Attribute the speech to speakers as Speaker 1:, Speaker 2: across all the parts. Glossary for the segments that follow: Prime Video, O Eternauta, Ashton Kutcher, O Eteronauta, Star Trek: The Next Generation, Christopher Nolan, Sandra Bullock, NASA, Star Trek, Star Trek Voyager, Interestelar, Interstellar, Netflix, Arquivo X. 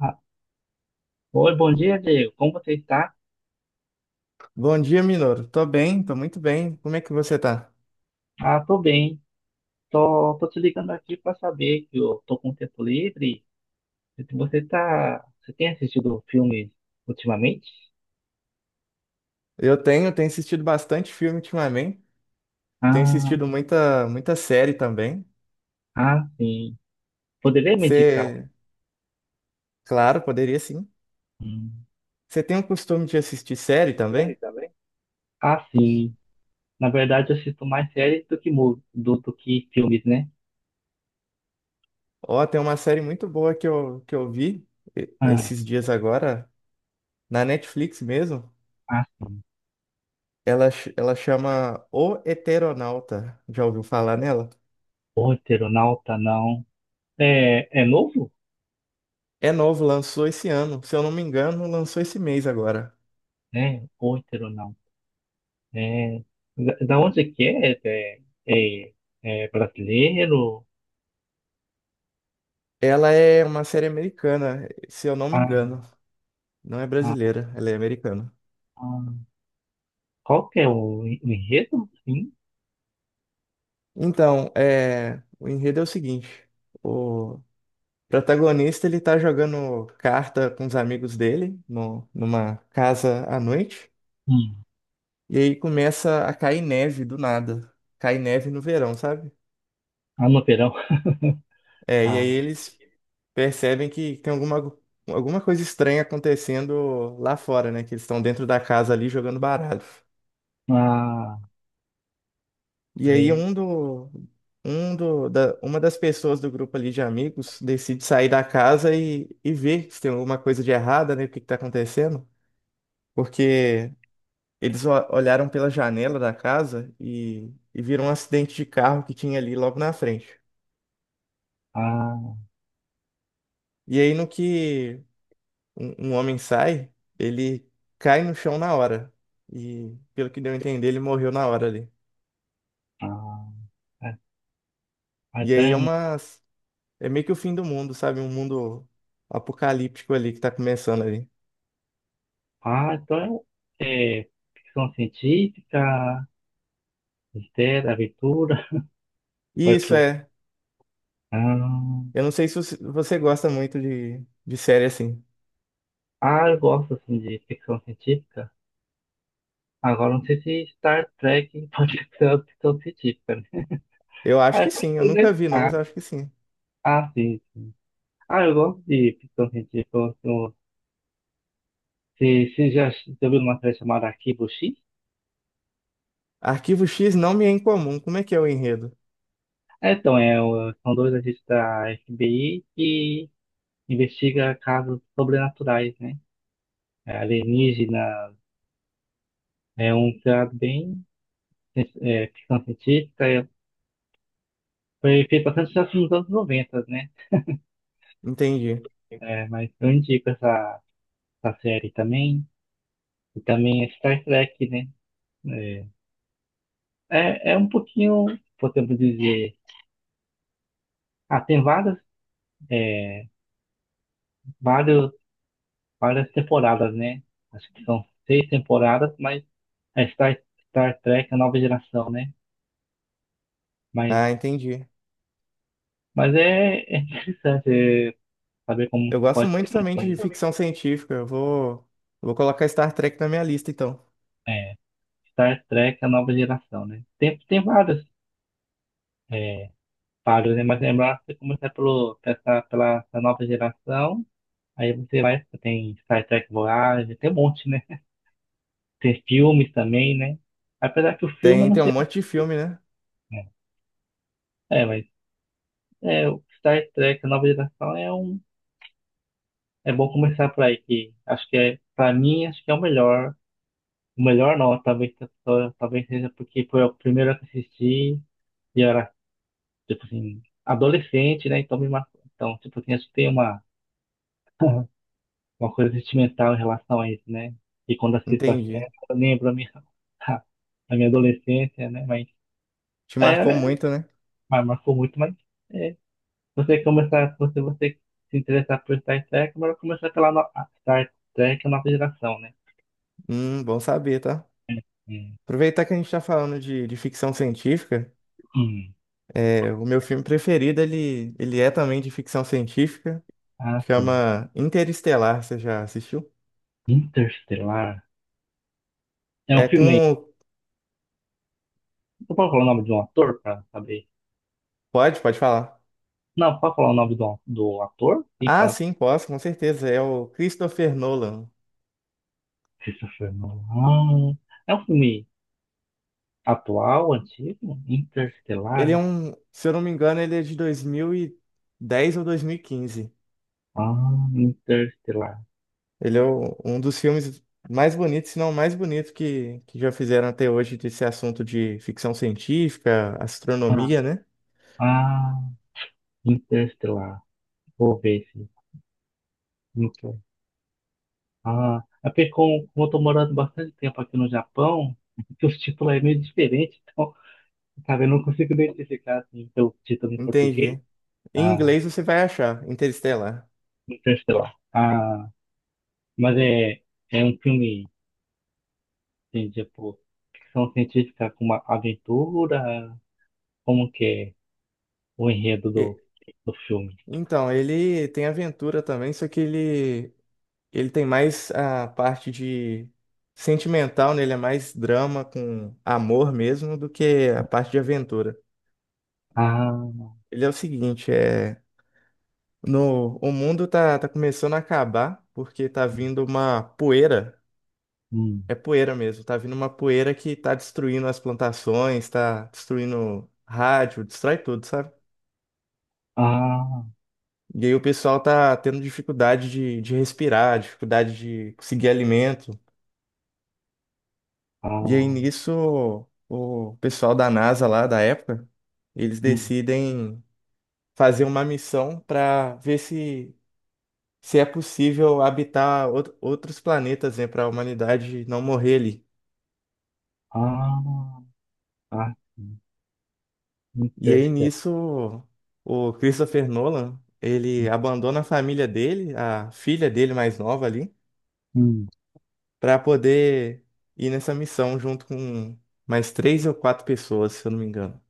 Speaker 1: Ah, oi, bom dia, Diego. Como você está?
Speaker 2: Bom dia, Minoro. Tô bem, tô muito bem. Como é que você tá?
Speaker 1: Tô bem. Tô te ligando aqui para saber que eu tô com tempo livre. Se você tá, você tem assistido filmes ultimamente?
Speaker 2: Eu tenho assistido bastante filme ultimamente. Eu tenho
Speaker 1: Ah,
Speaker 2: assistido muita série também.
Speaker 1: sim. Poderia me indicar?
Speaker 2: Você, claro, poderia sim.
Speaker 1: Hum,
Speaker 2: Você tem o costume de assistir série
Speaker 1: Série
Speaker 2: também?
Speaker 1: também? Ah, sim. Na verdade, eu assisto mais séries do que do que filmes, né?
Speaker 2: Ó, tem uma série muito boa que eu vi
Speaker 1: Ah,
Speaker 2: esses dias agora, na Netflix mesmo.
Speaker 1: sim.
Speaker 2: Ela chama O Eteronauta. Já ouviu falar nela?
Speaker 1: O Eternauta, não. É, é novo?
Speaker 2: É novo, lançou esse ano. Se eu não me engano, lançou esse mês agora.
Speaker 1: É, O Eternauta. É, da onde que é? É, é brasileiro?
Speaker 2: Ela é uma série americana, se eu não me
Speaker 1: Ah,
Speaker 2: engano. Não é
Speaker 1: ah,
Speaker 2: brasileira, ela é americana.
Speaker 1: ah. Qual que é o, o enredo? Sim.
Speaker 2: Então, é, o enredo é o seguinte: o protagonista ele tá jogando carta com os amigos dele numa casa à noite,
Speaker 1: Hum.
Speaker 2: e aí começa a cair neve do nada. Cai neve no verão, sabe?
Speaker 1: Ah, no verão.
Speaker 2: É, e aí
Speaker 1: Ah,
Speaker 2: eles percebem que tem alguma, alguma coisa estranha acontecendo lá fora, né? Que eles estão dentro da casa ali jogando baralho.
Speaker 1: ah,
Speaker 2: E aí
Speaker 1: aí,
Speaker 2: uma das pessoas do grupo ali de amigos decide sair da casa e ver se tem alguma coisa de errada, né? O que que tá acontecendo? Porque eles olharam pela janela da casa e viram um acidente de carro que tinha ali logo na frente.
Speaker 1: ah,
Speaker 2: E aí no que um homem sai, ele cai no chão na hora. E pelo que deu a entender, ele morreu na hora ali.
Speaker 1: ah, ah, ah,
Speaker 2: E
Speaker 1: então
Speaker 2: aí
Speaker 1: é
Speaker 2: é
Speaker 1: um,
Speaker 2: uma, é meio que o fim do mundo, sabe? Um mundo apocalíptico ali que tá começando ali.
Speaker 1: então é, é ficção científica, mistério, aventura, vai
Speaker 2: Isso
Speaker 1: tu.
Speaker 2: é.
Speaker 1: Ah,
Speaker 2: Eu não sei se você gosta muito de série assim.
Speaker 1: eu gosto assim de ficção científica. Agora não sei se Star Trek pode ser uma ficção científica, né?
Speaker 2: Eu
Speaker 1: Ah,
Speaker 2: acho
Speaker 1: é
Speaker 2: que sim. Eu
Speaker 1: porque, né?
Speaker 2: nunca vi, não, mas eu acho que sim.
Speaker 1: Sim, sim. Ah, eu gosto de ficção científica. Eu você já viu uma série chamada Arquivo X?
Speaker 2: Arquivo X não me é incomum. Como é que é o enredo?
Speaker 1: Ah, então, é, são dois agentes da FBI que investiga casos sobrenaturais, né? É, alienígena, é um criado bem ficção científica. Foi feito bastante já nos anos 90, né?
Speaker 2: Entendi.
Speaker 1: É, mas eu indico essa, essa série também. E também é Star Trek, né? É, é um pouquinho, podemos dizer. Ah, tem várias, é, vários, várias temporadas, né? Acho que são 6 temporadas, mas é Star Trek, a nova geração, né? Mas,
Speaker 2: Ah, entendi.
Speaker 1: mas é, é interessante, saber como
Speaker 2: Eu gosto
Speaker 1: pode ser
Speaker 2: muito também de
Speaker 1: um-
Speaker 2: ficção científica. Eu vou, vou colocar Star Trek na minha lista, então.
Speaker 1: é, Star Trek, a nova geração, né? Tem, tem vários, é, páreos, né? Mas lembrar, você começa pela essa nova geração, aí você vai, tem Star Trek Voyager, tem um monte, né? Tem filmes também, né? Apesar que o filme eu
Speaker 2: Tem,
Speaker 1: não
Speaker 2: tem um
Speaker 1: sei.
Speaker 2: monte de filme, né?
Speaker 1: É, mas é, o Star Trek, a nova geração é um. É bom começar por aí, que acho que é, pra mim, acho que é o melhor. O melhor não, talvez, talvez seja porque foi o primeiro que assisti e eu era, tipo assim, adolescente, né? Então me marcou. Então, tipo assim, acho que tem uma, uma coisa sentimental em relação a isso, né? E quando assisto a série,
Speaker 2: Entendi.
Speaker 1: eu lembro a minha, a minha adolescência, né? Mas,
Speaker 2: Te marcou
Speaker 1: é,
Speaker 2: muito, né?
Speaker 1: mas marcou muito, mas. É, você começar, se você se interessar por Star Trek, melhor começar pela a Star Trek, a nova geração, né?
Speaker 2: Bom saber, tá?
Speaker 1: É, é,
Speaker 2: Aproveitar que a gente tá falando de ficção científica,
Speaker 1: hum,
Speaker 2: é, o meu filme preferido, ele é também de ficção científica.
Speaker 1: ah, sim.
Speaker 2: Chama Interestelar, você já assistiu?
Speaker 1: Interstellar. É
Speaker 2: É
Speaker 1: um filme.
Speaker 2: com.
Speaker 1: Você pode falar o nome de um ator pra saber?
Speaker 2: Pode, pode falar.
Speaker 1: Não, pode falar o nome do ator? Sim,
Speaker 2: Ah,
Speaker 1: para
Speaker 2: sim, posso, com certeza. É o Christopher Nolan.
Speaker 1: Christopher Nolan. É um filme atual, antigo?
Speaker 2: Ele é
Speaker 1: Interstellar?
Speaker 2: um, se eu não me engano, ele é de 2010 ou 2015.
Speaker 1: Ah, Interstellar.
Speaker 2: Ele é um dos filmes mais bonitos, se não o mais bonito que já fizeram até hoje desse assunto de ficção científica,
Speaker 1: Ah,
Speaker 2: astronomia, né?
Speaker 1: ah, Interstellar. Vou ver esse. Ah, é porque como eu tô morando bastante tempo aqui no Japão, que os títulos é meio diferente, então, sabe, eu não consigo identificar assim, o título em português,
Speaker 2: Entendi. Em
Speaker 1: ah,
Speaker 2: inglês você vai achar, Interestelar.
Speaker 1: então, sei. Ah, mas é, é um filme, assim, tipo, ficção científica com uma aventura, como que é o enredo
Speaker 2: E-
Speaker 1: do, do filme?
Speaker 2: Então, ele tem aventura também, só que ele tem mais a parte de sentimental, né? Ele é mais drama com amor mesmo do que a parte de aventura.
Speaker 1: Ah,
Speaker 2: Ele é o seguinte, é no o mundo tá, tá começando a acabar porque tá vindo uma poeira,
Speaker 1: hum,
Speaker 2: é poeira mesmo, tá vindo uma poeira que tá destruindo as plantações, tá destruindo rádio, destrói tudo, sabe?
Speaker 1: ah,
Speaker 2: E aí o pessoal tá tendo dificuldade de respirar, dificuldade de conseguir alimento. E aí
Speaker 1: ah,
Speaker 2: nisso, o pessoal da NASA lá da época, eles
Speaker 1: hum,
Speaker 2: decidem fazer uma missão para ver se, se é possível habitar outros planetas, né, para a humanidade não morrer ali.
Speaker 1: ah, sim,
Speaker 2: E aí
Speaker 1: Interestelar,
Speaker 2: nisso, o Christopher Nolan, ele abandona a família dele, a filha dele mais nova ali,
Speaker 1: hum,
Speaker 2: para poder ir nessa missão junto com mais três ou quatro pessoas, se eu não me engano.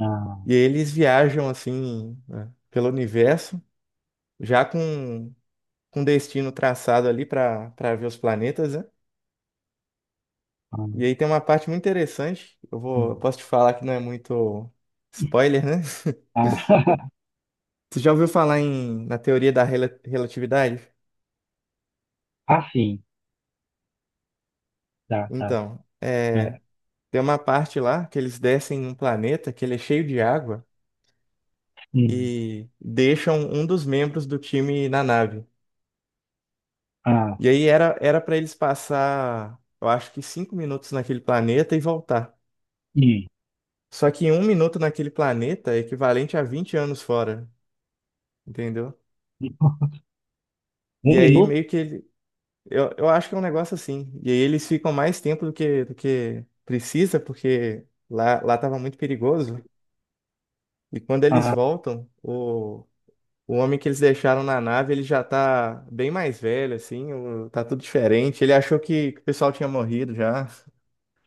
Speaker 1: ah,
Speaker 2: E aí eles viajam assim, né, pelo universo já com destino traçado ali para ver os planetas, né?
Speaker 1: ah,
Speaker 2: E aí tem uma parte muito interessante, eu vou, eu
Speaker 1: hum.
Speaker 2: posso te falar que não é muito spoiler, né?
Speaker 1: Ah,
Speaker 2: Você já ouviu falar em, na teoria da relatividade?
Speaker 1: ah, sim. Tá, tá.
Speaker 2: Então, é,
Speaker 1: Ah,
Speaker 2: tem uma parte lá que eles descem em um planeta que ele é cheio de água
Speaker 1: hum,
Speaker 2: e deixam um dos membros do time na nave.
Speaker 1: ah,
Speaker 2: E aí era para eles passar, eu acho que 5 minutos naquele planeta e voltar.
Speaker 1: hum.
Speaker 2: Só que 1 minuto naquele planeta é equivalente a 20 anos fora, entendeu?
Speaker 1: Um
Speaker 2: E aí
Speaker 1: minuto?
Speaker 2: meio que ele. Eu acho que é um negócio assim. E aí eles ficam mais tempo do que precisa, porque lá, lá tava muito perigoso. E quando eles
Speaker 1: Ah,
Speaker 2: voltam, o homem que eles deixaram na nave, ele já tá bem mais velho, assim, tá tudo diferente. Ele achou que o pessoal tinha morrido já.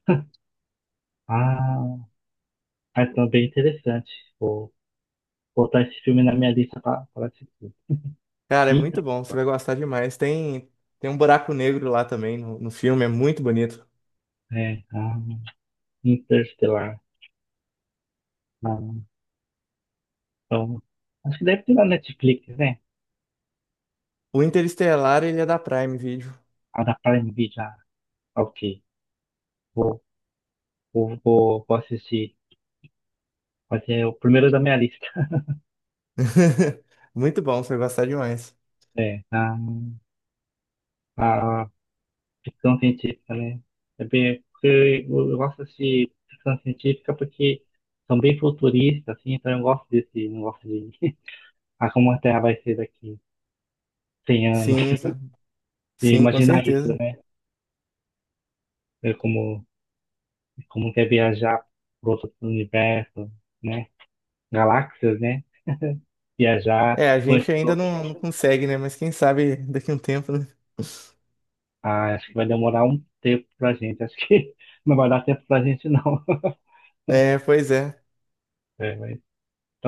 Speaker 1: ah, é então bem interessante. Vou botar esse filme na minha lista para assistir.
Speaker 2: Cara, é
Speaker 1: Inter,
Speaker 2: muito bom, você vai gostar demais. Tem, tem um buraco negro lá também no, no filme, é muito bonito.
Speaker 1: é, ah, Interstellar. Ah, então, acho que deve ter na Netflix, né?
Speaker 2: O Interestelar, ele é da Prime Video.
Speaker 1: A da Prime Video. Ah, ok. Vou, vou assistir. Vai ser o primeiro da minha lista.
Speaker 2: Muito bom, você vai gostar demais.
Speaker 1: É, ah, ah, ficção científica, né? É bem, porque eu gosto de ficção científica porque são bem futuristas, assim, então eu gosto desse negócio de ah, como a Terra vai ser daqui 100
Speaker 2: Sim,
Speaker 1: anos.
Speaker 2: exa-
Speaker 1: E
Speaker 2: sim, com
Speaker 1: imaginar isso,
Speaker 2: certeza.
Speaker 1: né? Ver como, como quer viajar para outro universo, né? Galáxias, né? Viajar,
Speaker 2: É, a
Speaker 1: com esse
Speaker 2: gente ainda
Speaker 1: outros.
Speaker 2: não, não consegue, né? Mas quem sabe daqui a um tempo, né?
Speaker 1: Ah, acho que vai demorar um tempo pra gente. Acho que não vai dar tempo pra gente, não.
Speaker 2: É, pois é.
Speaker 1: É, mas,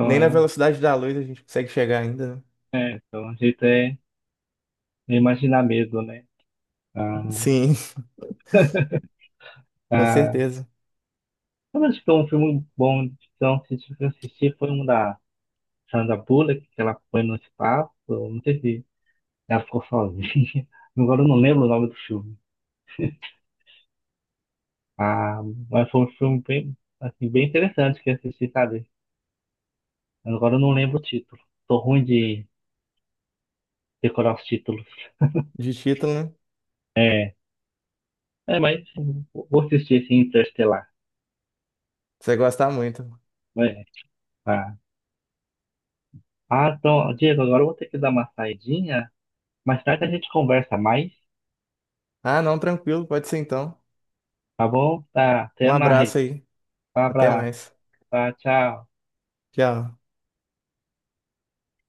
Speaker 2: Nem na velocidade da luz a gente consegue chegar ainda, né?
Speaker 1: então, a gente é imaginar mesmo, né? Ah,
Speaker 2: Sim, com
Speaker 1: ah,
Speaker 2: certeza.
Speaker 1: mas acho que é um filme bom de ficção que eu assisti foi um da Sandra Bullock, que ela foi no espaço, não sei se ela ficou sozinha, agora eu não lembro o nome do filme. Ah, mas foi um filme bem, assim, bem interessante que eu assisti, sabe? Agora eu não lembro o título. Tô ruim de decorar os títulos.
Speaker 2: De título, né?
Speaker 1: É, mas vou assistir esse Interestelar.
Speaker 2: Você vai gostar muito.
Speaker 1: É, tá. Ah, então, Diego, agora eu vou ter que dar uma saidinha. Mais tarde a gente conversa mais,
Speaker 2: Ah, não, tranquilo, pode ser então.
Speaker 1: tá bom? Tá,
Speaker 2: Um
Speaker 1: até mais.
Speaker 2: abraço aí.
Speaker 1: Um
Speaker 2: Até
Speaker 1: abraço,
Speaker 2: mais.
Speaker 1: tá? Tchau.
Speaker 2: Tchau.